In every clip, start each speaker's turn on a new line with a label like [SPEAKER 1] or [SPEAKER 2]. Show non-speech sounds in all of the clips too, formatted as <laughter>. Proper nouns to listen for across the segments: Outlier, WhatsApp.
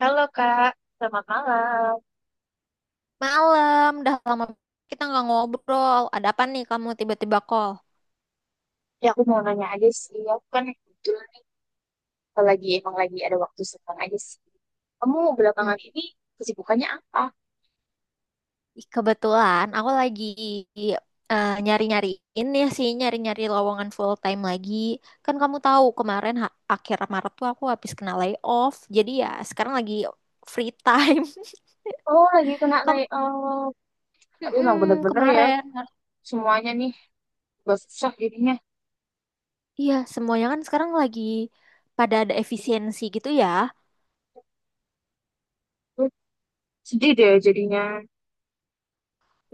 [SPEAKER 1] Halo Kak, selamat malam.
[SPEAKER 2] Malam, udah lama kita nggak ngobrol. Ada apa nih kamu tiba-tiba call?
[SPEAKER 1] Ya aku mau nanya aja sih, aku kan kebetulan nih, kalau lagi emang lagi ada waktu senggang aja sih. Kamu
[SPEAKER 2] Hmm,
[SPEAKER 1] belakangan ini kesibukannya apa?
[SPEAKER 2] kebetulan aku lagi nyari-nyari ini sih, nyari-nyari lowongan full time lagi. Kan kamu tahu kemarin akhir Maret tuh aku habis kena layoff. Jadi ya sekarang lagi free time. <laughs>
[SPEAKER 1] Oh lagi kena
[SPEAKER 2] Kamu.
[SPEAKER 1] layoff. Tapi emang
[SPEAKER 2] Mm-mm,
[SPEAKER 1] bener-bener ya,
[SPEAKER 2] kemarin,
[SPEAKER 1] semuanya nih gak susah jadinya.
[SPEAKER 2] iya semuanya kan sekarang lagi pada ada efisiensi gitu ya.
[SPEAKER 1] Duh, sedih deh jadinya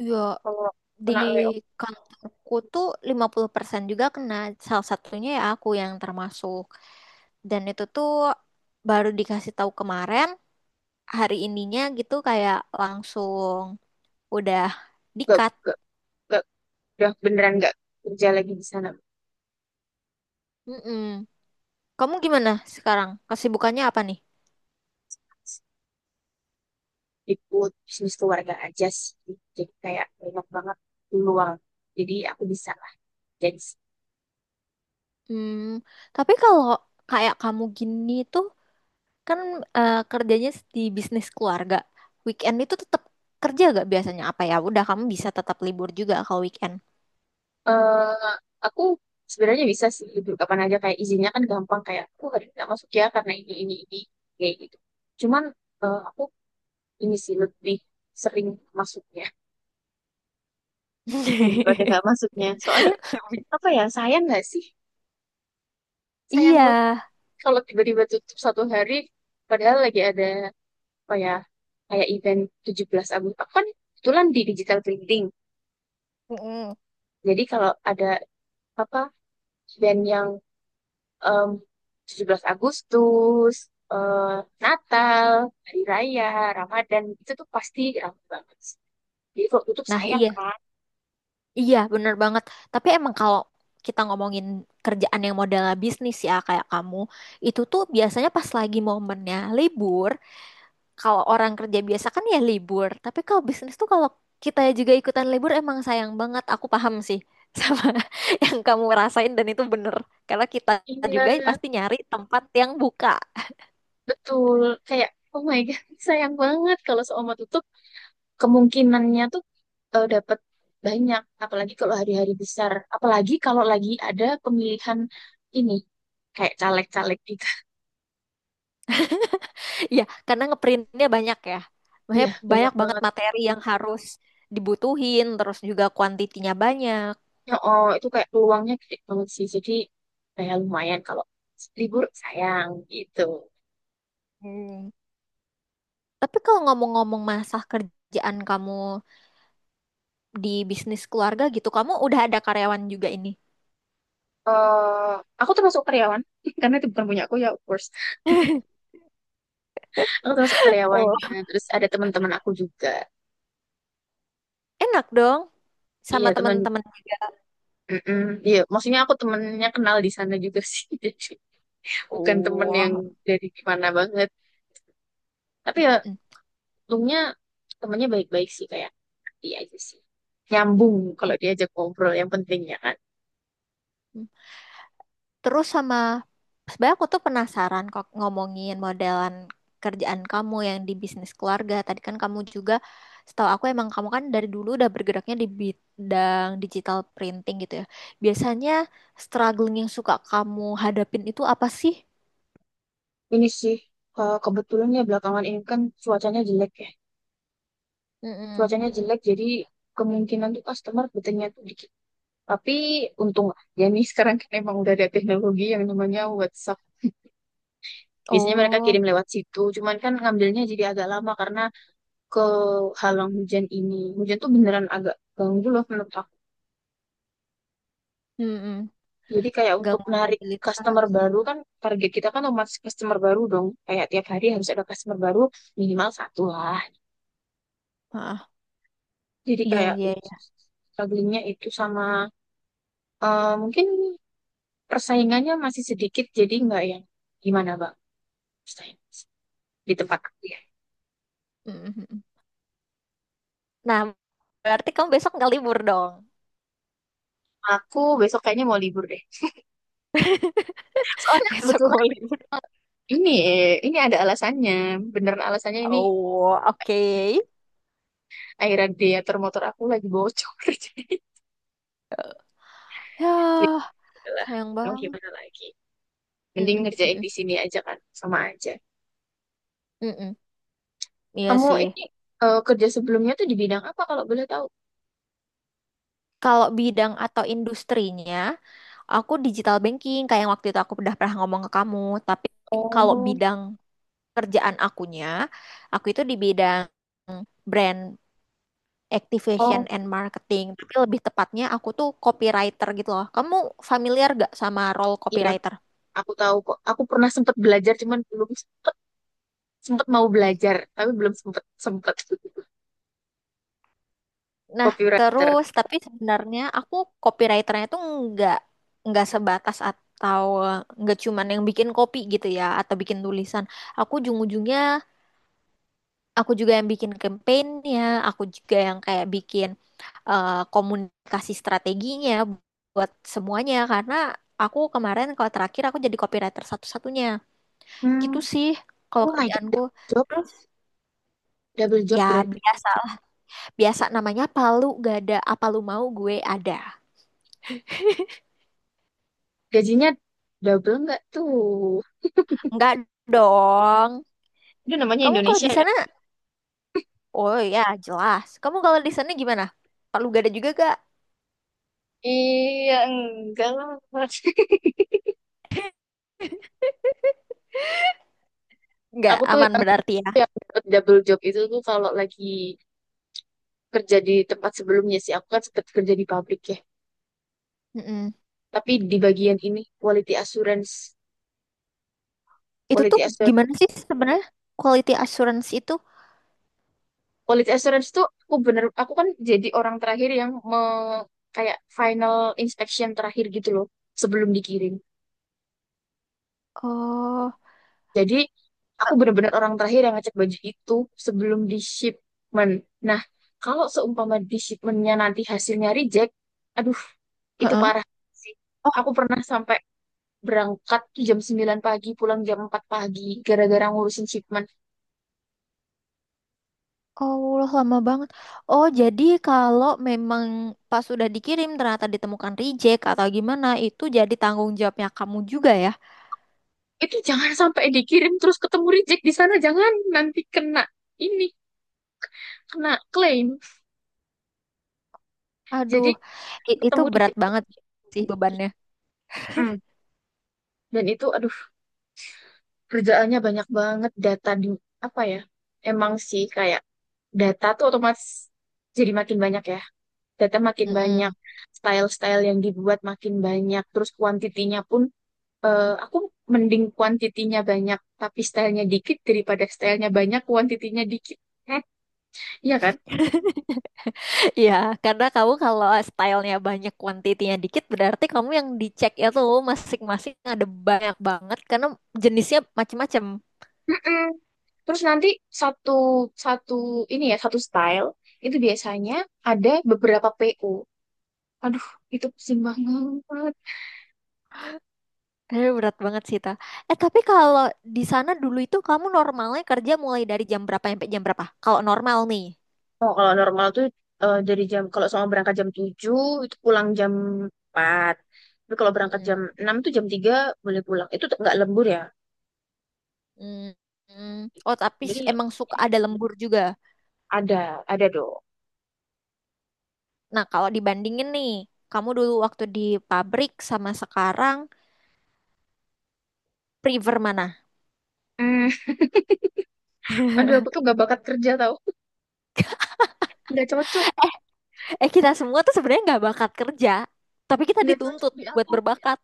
[SPEAKER 2] Iya.
[SPEAKER 1] kalau
[SPEAKER 2] Di
[SPEAKER 1] kena layoff.
[SPEAKER 2] kantorku tuh 50% juga kena. Salah satunya ya aku yang termasuk. Dan itu tuh baru dikasih tahu kemarin, hari ininya gitu kayak langsung udah
[SPEAKER 1] Gak,
[SPEAKER 2] di-cut.
[SPEAKER 1] gak, gak, udah beneran gak kerja lagi di sana.
[SPEAKER 2] Mm-mm. Kamu gimana sekarang? Kesibukannya apa nih?
[SPEAKER 1] Ikut bisnis keluarga aja sih. Jadi kayak banyak banget peluang. Jadi aku bisa lah jadi
[SPEAKER 2] Hmm, tapi kalau kayak kamu gini tuh kan kerjanya di bisnis keluarga. Weekend itu tetap kerja gak biasanya apa ya? Udah kamu bisa tetap libur juga kalau weekend.
[SPEAKER 1] eh aku sebenarnya bisa sih libur kapan aja kayak izinnya kan gampang kayak aku hari ini nggak masuk ya karena ini kayak gitu. Cuman aku ini sih lebih sering masuknya daripada nggak masuknya. Soalnya
[SPEAKER 2] <laughs>
[SPEAKER 1] apa ya sayang nggak sih? Sayang
[SPEAKER 2] Iya.
[SPEAKER 1] banget kalau tiba-tiba tutup satu hari padahal lagi ada apa ya kayak event 17 Agustus. Aku kan kebetulan di digital printing.
[SPEAKER 2] Mm-mm.
[SPEAKER 1] Jadi kalau ada apa event yang em, 17 Agustus, eh, Natal, Hari Raya, Ramadan, itu tuh pasti ramai banget. Jadi kalau tutup
[SPEAKER 2] Nah,
[SPEAKER 1] sayang
[SPEAKER 2] iya.
[SPEAKER 1] kan?
[SPEAKER 2] Iya, bener banget. Tapi emang kalau kita ngomongin kerjaan yang modelnya bisnis ya, kayak kamu, itu tuh biasanya pas lagi momennya libur, kalau orang kerja biasa kan ya libur. Tapi kalau bisnis tuh kalau kita juga ikutan libur emang sayang banget. Aku paham sih <laughs> sama yang kamu rasain dan itu bener. Karena kita
[SPEAKER 1] Iya,
[SPEAKER 2] juga pasti nyari tempat yang buka.
[SPEAKER 1] betul. Kayak, oh my God, <laughs> sayang banget kalau seumur tutup. Kemungkinannya tuh dapat banyak, apalagi kalau hari-hari besar. Apalagi kalau lagi ada pemilihan ini, kayak caleg-caleg gitu. <laughs>
[SPEAKER 2] Iya, karena ngeprintnya banyak ya. Maksudnya
[SPEAKER 1] Iya, banyak
[SPEAKER 2] banyak banget
[SPEAKER 1] banget.
[SPEAKER 2] materi yang harus dibutuhin, terus juga kuantitinya banyak.
[SPEAKER 1] Ya, oh, itu kayak peluangnya gede banget sih. Jadi, kayak lumayan kalau libur sayang gitu.
[SPEAKER 2] Hmm. Tapi kalau ngomong-ngomong masalah kerjaan kamu di bisnis keluarga gitu, kamu udah ada karyawan juga ini.
[SPEAKER 1] eh aku termasuk karyawan <laughs> karena itu bukan punya aku ya of course
[SPEAKER 2] <laughs>
[SPEAKER 1] aku termasuk
[SPEAKER 2] Oh.
[SPEAKER 1] karyawannya terus ada teman-teman aku juga
[SPEAKER 2] Enak dong, sama
[SPEAKER 1] iya teman
[SPEAKER 2] teman-teman juga.
[SPEAKER 1] mm iya maksudnya aku temennya kenal di sana juga <laughs> sih jadi bukan temen yang
[SPEAKER 2] Oh.
[SPEAKER 1] dari gimana banget tapi ya
[SPEAKER 2] Mm-mm.
[SPEAKER 1] untungnya temennya baik-baik sih kayak iya aja sih nyambung kalau
[SPEAKER 2] Oh.
[SPEAKER 1] diajak ngobrol yang penting ya kan.
[SPEAKER 2] Terus sama sebenarnya aku tuh penasaran kok ngomongin modelan kerjaan kamu yang di bisnis keluarga. Tadi kan kamu juga setahu aku emang kamu kan dari dulu udah bergeraknya di bidang digital printing gitu ya. Biasanya struggling yang suka kamu hadapin itu apa sih?
[SPEAKER 1] Ini sih, kebetulan ya belakangan ini kan cuacanya jelek ya.
[SPEAKER 2] Mm-mm.
[SPEAKER 1] Cuacanya jelek jadi kemungkinan tuh customer betulnya tuh dikit. Tapi untung ya nih <laughs> sekarang kan emang udah ada teknologi yang namanya WhatsApp. Biasanya mereka
[SPEAKER 2] Oh,
[SPEAKER 1] kirim lewat situ, cuman kan ngambilnya jadi agak lama karena kehalang hujan ini. Hujan tuh beneran agak ganggu loh menurut aku.
[SPEAKER 2] mm-mm.
[SPEAKER 1] Jadi kayak untuk
[SPEAKER 2] Gangguan
[SPEAKER 1] narik customer
[SPEAKER 2] mobilitas.
[SPEAKER 1] baru kan target kita kan otomatis customer baru dong. Kayak tiap hari harus ada customer baru minimal satu lah.
[SPEAKER 2] Ah,
[SPEAKER 1] Jadi
[SPEAKER 2] iya
[SPEAKER 1] kayak
[SPEAKER 2] iya iya.
[SPEAKER 1] strugglingnya itu sama mungkin persaingannya masih sedikit jadi nggak yang gimana bang persaing- di tempat aku ya.
[SPEAKER 2] Mm-mm. Nah, berarti kamu besok nggak libur dong?
[SPEAKER 1] Aku besok kayaknya mau libur deh. Soalnya
[SPEAKER 2] <laughs> Besok
[SPEAKER 1] kebetulan
[SPEAKER 2] kamu libur.
[SPEAKER 1] ini ini ada alasannya. Beneran alasannya ini
[SPEAKER 2] Oh, oke.
[SPEAKER 1] aerator motor aku lagi bocor. <laughs>
[SPEAKER 2] Ya.
[SPEAKER 1] Jadi ya lah
[SPEAKER 2] Sayang
[SPEAKER 1] mau gimana
[SPEAKER 2] banget.
[SPEAKER 1] lagi. Mending
[SPEAKER 2] Mm-mm,
[SPEAKER 1] ngerjain
[SPEAKER 2] mm-mm,
[SPEAKER 1] di sini aja kan, sama aja.
[SPEAKER 2] mm-mm. Iya
[SPEAKER 1] Kamu
[SPEAKER 2] sih.
[SPEAKER 1] ini kerja sebelumnya tuh di bidang apa kalau boleh tahu?
[SPEAKER 2] Kalau bidang atau industrinya, aku digital banking kayak yang waktu itu aku udah pernah ngomong ke kamu. Tapi kalau
[SPEAKER 1] Oh,
[SPEAKER 2] bidang kerjaan akunya, aku itu di bidang brand activation
[SPEAKER 1] oh
[SPEAKER 2] and marketing. Tapi lebih tepatnya aku tuh copywriter gitu loh. Kamu familiar gak sama role
[SPEAKER 1] iya,
[SPEAKER 2] copywriter?
[SPEAKER 1] aku tahu kok. Aku pernah sempat belajar, cuman belum sempet, sempet mau belajar, tapi belum sempet sempet. <laughs>
[SPEAKER 2] Nah,
[SPEAKER 1] Copywriter.
[SPEAKER 2] terus tapi sebenarnya aku copywriternya tuh nggak nggak sebatas atau nggak cuman yang bikin kopi gitu ya atau bikin tulisan. Aku ujung-ujungnya aku juga yang bikin campaign-nya, aku juga yang kayak bikin komunikasi strateginya buat semuanya karena aku kemarin kalau terakhir aku jadi copywriter satu-satunya. Gitu
[SPEAKER 1] Hmm.
[SPEAKER 2] sih kalau
[SPEAKER 1] Oh my God,
[SPEAKER 2] kerjaanku. Terus
[SPEAKER 1] double job
[SPEAKER 2] ya
[SPEAKER 1] berarti
[SPEAKER 2] biasa biasa namanya palu gak ada apa lu mau gue ada.
[SPEAKER 1] gajinya double nggak tuh?
[SPEAKER 2] Enggak dong.
[SPEAKER 1] Itu namanya
[SPEAKER 2] Kamu kalau
[SPEAKER 1] Indonesia
[SPEAKER 2] di
[SPEAKER 1] ya?
[SPEAKER 2] sana, oh ya jelas. Kamu kalau di sana gimana? Palu gada juga gak?
[SPEAKER 1] Iya, enggak lah. <laughs>
[SPEAKER 2] Nggak
[SPEAKER 1] Aku tuh
[SPEAKER 2] aman
[SPEAKER 1] yang
[SPEAKER 2] berarti ya.
[SPEAKER 1] dapet double job itu tuh kalau lagi kerja di tempat sebelumnya sih. Aku kan sempat kerja di pabrik ya.
[SPEAKER 2] Mm-mm.
[SPEAKER 1] Tapi di bagian ini quality assurance,
[SPEAKER 2] Itu tuh
[SPEAKER 1] quality assurance.
[SPEAKER 2] gimana sih sebenarnya quality assurance itu?
[SPEAKER 1] Quality assurance tuh aku bener aku kan jadi orang terakhir yang me- kayak final inspection terakhir gitu loh sebelum dikirim.
[SPEAKER 2] Oh,
[SPEAKER 1] Jadi aku bener-bener orang terakhir yang ngecek baju itu sebelum di shipment. Nah, kalau seumpama di shipmentnya nanti hasilnya reject, aduh itu
[SPEAKER 2] heeh.
[SPEAKER 1] parah sih.
[SPEAKER 2] Oh,
[SPEAKER 1] Aku pernah sampai berangkat jam 9 pagi, pulang jam 4 pagi, gara-gara ngurusin shipment.
[SPEAKER 2] Allah lama banget. Oh, jadi kalau memang pas sudah dikirim ternyata ditemukan reject atau gimana, itu jadi tanggung jawabnya kamu juga ya?
[SPEAKER 1] Itu jangan sampai dikirim terus ketemu reject di sana, jangan nanti kena ini, kena klaim.
[SPEAKER 2] Aduh,
[SPEAKER 1] Jadi
[SPEAKER 2] itu
[SPEAKER 1] ketemu di
[SPEAKER 2] berat banget sih bebannya.
[SPEAKER 1] mm. Dan itu aduh kerjaannya banyak banget data di apa ya? Emang sih kayak data tuh otomatis jadi makin banyak ya. Data makin
[SPEAKER 2] Mm-mm.
[SPEAKER 1] banyak, style-style yang dibuat makin banyak, terus kuantitinya pun aku mending kuantitinya banyak tapi stylenya dikit daripada stylenya banyak kuantitinya dikit. Heh, iya kan?
[SPEAKER 2] Iya, karena kamu kalau stylenya banyak, kuantitinya dikit, berarti kamu yang dicek itu masing-masing ada banyak banget karena jenisnya macem-macem.
[SPEAKER 1] Mm-mm. Terus nanti satu satu ini ya satu style itu biasanya ada beberapa PO. Aduh, itu pusing banget.
[SPEAKER 2] Aduh, berat banget sih, Ta. Eh, tapi kalau di sana dulu itu kamu normalnya kerja mulai dari jam berapa sampai jam berapa? Kalau normal nih.
[SPEAKER 1] Oh, kalau normal tuh dari jam kalau sama berangkat jam 7 itu pulang jam 4. Tapi kalau berangkat jam
[SPEAKER 2] Mm-mm.
[SPEAKER 1] 6 tuh jam 3 boleh pulang. Itu tuh nggak lembur ya.
[SPEAKER 2] Mm-mm. Oh, tapi
[SPEAKER 1] Jadi
[SPEAKER 2] emang suka ada lembur juga.
[SPEAKER 1] ada, ada dong.
[SPEAKER 2] Nah, kalau dibandingin nih, kamu dulu waktu di pabrik sama sekarang, prefer mana?
[SPEAKER 1] Hmm, aduh aku
[SPEAKER 2] <laughs>
[SPEAKER 1] tuh gak bakat kerja tau. Gak cocok,
[SPEAKER 2] Eh, kita semua tuh sebenarnya nggak bakat kerja, tapi kita
[SPEAKER 1] gak cocok
[SPEAKER 2] dituntut
[SPEAKER 1] di
[SPEAKER 2] buat
[SPEAKER 1] aku.
[SPEAKER 2] berbakat.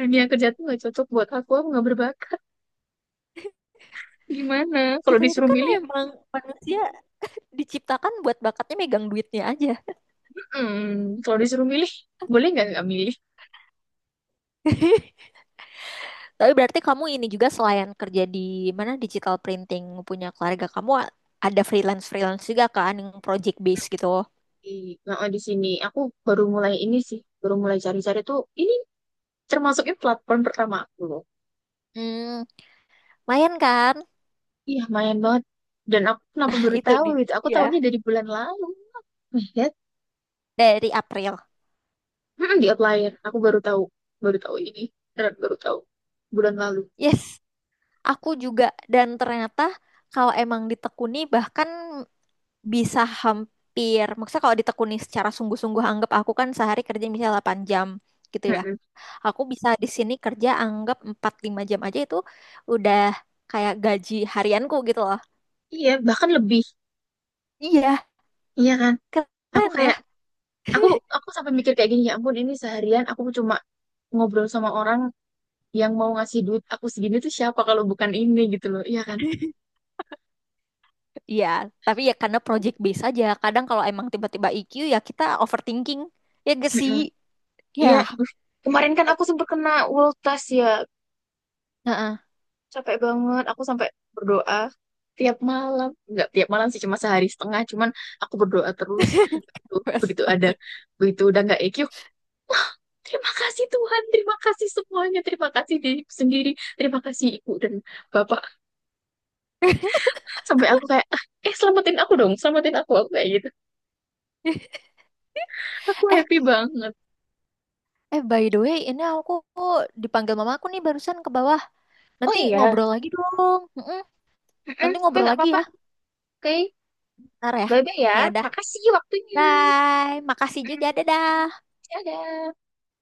[SPEAKER 1] Dunia kerja tuh gak cocok buat aku gak berbakat. Gimana? Kalau
[SPEAKER 2] Kita itu
[SPEAKER 1] disuruh
[SPEAKER 2] kan
[SPEAKER 1] milih,
[SPEAKER 2] emang manusia diciptakan buat bakatnya megang duitnya aja.
[SPEAKER 1] hmm, kalau disuruh milih, boleh nggak milih?
[SPEAKER 2] <laughs> Tapi berarti kamu ini juga selain kerja di mana digital printing punya keluarga kamu ada freelance-freelance juga kan yang project base gitu.
[SPEAKER 1] Di, nah, di sini aku baru mulai ini sih, baru mulai cari-cari tuh ini termasuknya platform pertama aku loh.
[SPEAKER 2] Hmm, lumayan kan?
[SPEAKER 1] Iya, main banget. Dan aku kenapa
[SPEAKER 2] Nah,
[SPEAKER 1] baru
[SPEAKER 2] itu
[SPEAKER 1] tahu gitu? Aku
[SPEAKER 2] dia
[SPEAKER 1] tahunya dari bulan lalu. Lihat,
[SPEAKER 2] dari April.
[SPEAKER 1] mm-mm, di Outlier. Aku baru tahu ini. Beneran baru tahu bulan lalu.
[SPEAKER 2] Yes, aku juga, dan ternyata kalau emang ditekuni bahkan bisa hampir, maksudnya kalau ditekuni secara sungguh-sungguh, anggap aku kan sehari kerja misalnya 8 jam gitu ya,
[SPEAKER 1] Mm-mm.
[SPEAKER 2] aku bisa di sini kerja anggap 4-5 jam aja, itu udah kayak gaji harianku gitu loh.
[SPEAKER 1] Iya, bahkan lebih.
[SPEAKER 2] Iya,
[SPEAKER 1] Iya kan? Aku
[SPEAKER 2] keren ya.
[SPEAKER 1] kayak, aku aku sampai mikir kayak gini ya ampun ini seharian aku cuma ngobrol sama orang yang mau ngasih duit aku segini tuh siapa kalau bukan ini gitu loh. Iya kan?
[SPEAKER 2] Iya, tapi ya karena project base aja, kadang kalau emang tiba-tiba IQ ya kita overthinking, ya gak sih
[SPEAKER 1] Mm-mm.
[SPEAKER 2] ya.
[SPEAKER 1] Iya, aduh. Kemarin kan aku sempat kena ultas ya.
[SPEAKER 2] Heeh.
[SPEAKER 1] Capek banget. Aku sampai berdoa tiap malam. Nggak tiap malam sih, cuma sehari setengah. Cuman aku berdoa terus.
[SPEAKER 2] <laughs>
[SPEAKER 1] Begitu, begitu ada, begitu udah nggak EQ. Terima kasih Tuhan, terima kasih semuanya, terima kasih diriku sendiri, terima kasih ibu dan bapak. Sampai aku kayak, "Ah, selamatin aku dong, selamatin aku," aku kayak gitu. Aku
[SPEAKER 2] Eh,
[SPEAKER 1] happy banget.
[SPEAKER 2] eh by the way, ini aku dipanggil mamaku nih barusan ke bawah.
[SPEAKER 1] Oh
[SPEAKER 2] Nanti
[SPEAKER 1] iya,
[SPEAKER 2] ngobrol lagi dong. Mm-mm.
[SPEAKER 1] mm-mm,
[SPEAKER 2] Nanti
[SPEAKER 1] oke
[SPEAKER 2] ngobrol
[SPEAKER 1] nggak
[SPEAKER 2] lagi
[SPEAKER 1] apa-apa.
[SPEAKER 2] ya,
[SPEAKER 1] Oke,
[SPEAKER 2] ntar ya.
[SPEAKER 1] bye-bye ya.
[SPEAKER 2] Ya udah,
[SPEAKER 1] Makasih waktunya.
[SPEAKER 2] bye. Makasih
[SPEAKER 1] Mm,
[SPEAKER 2] juga, dadah.
[SPEAKER 1] dadah.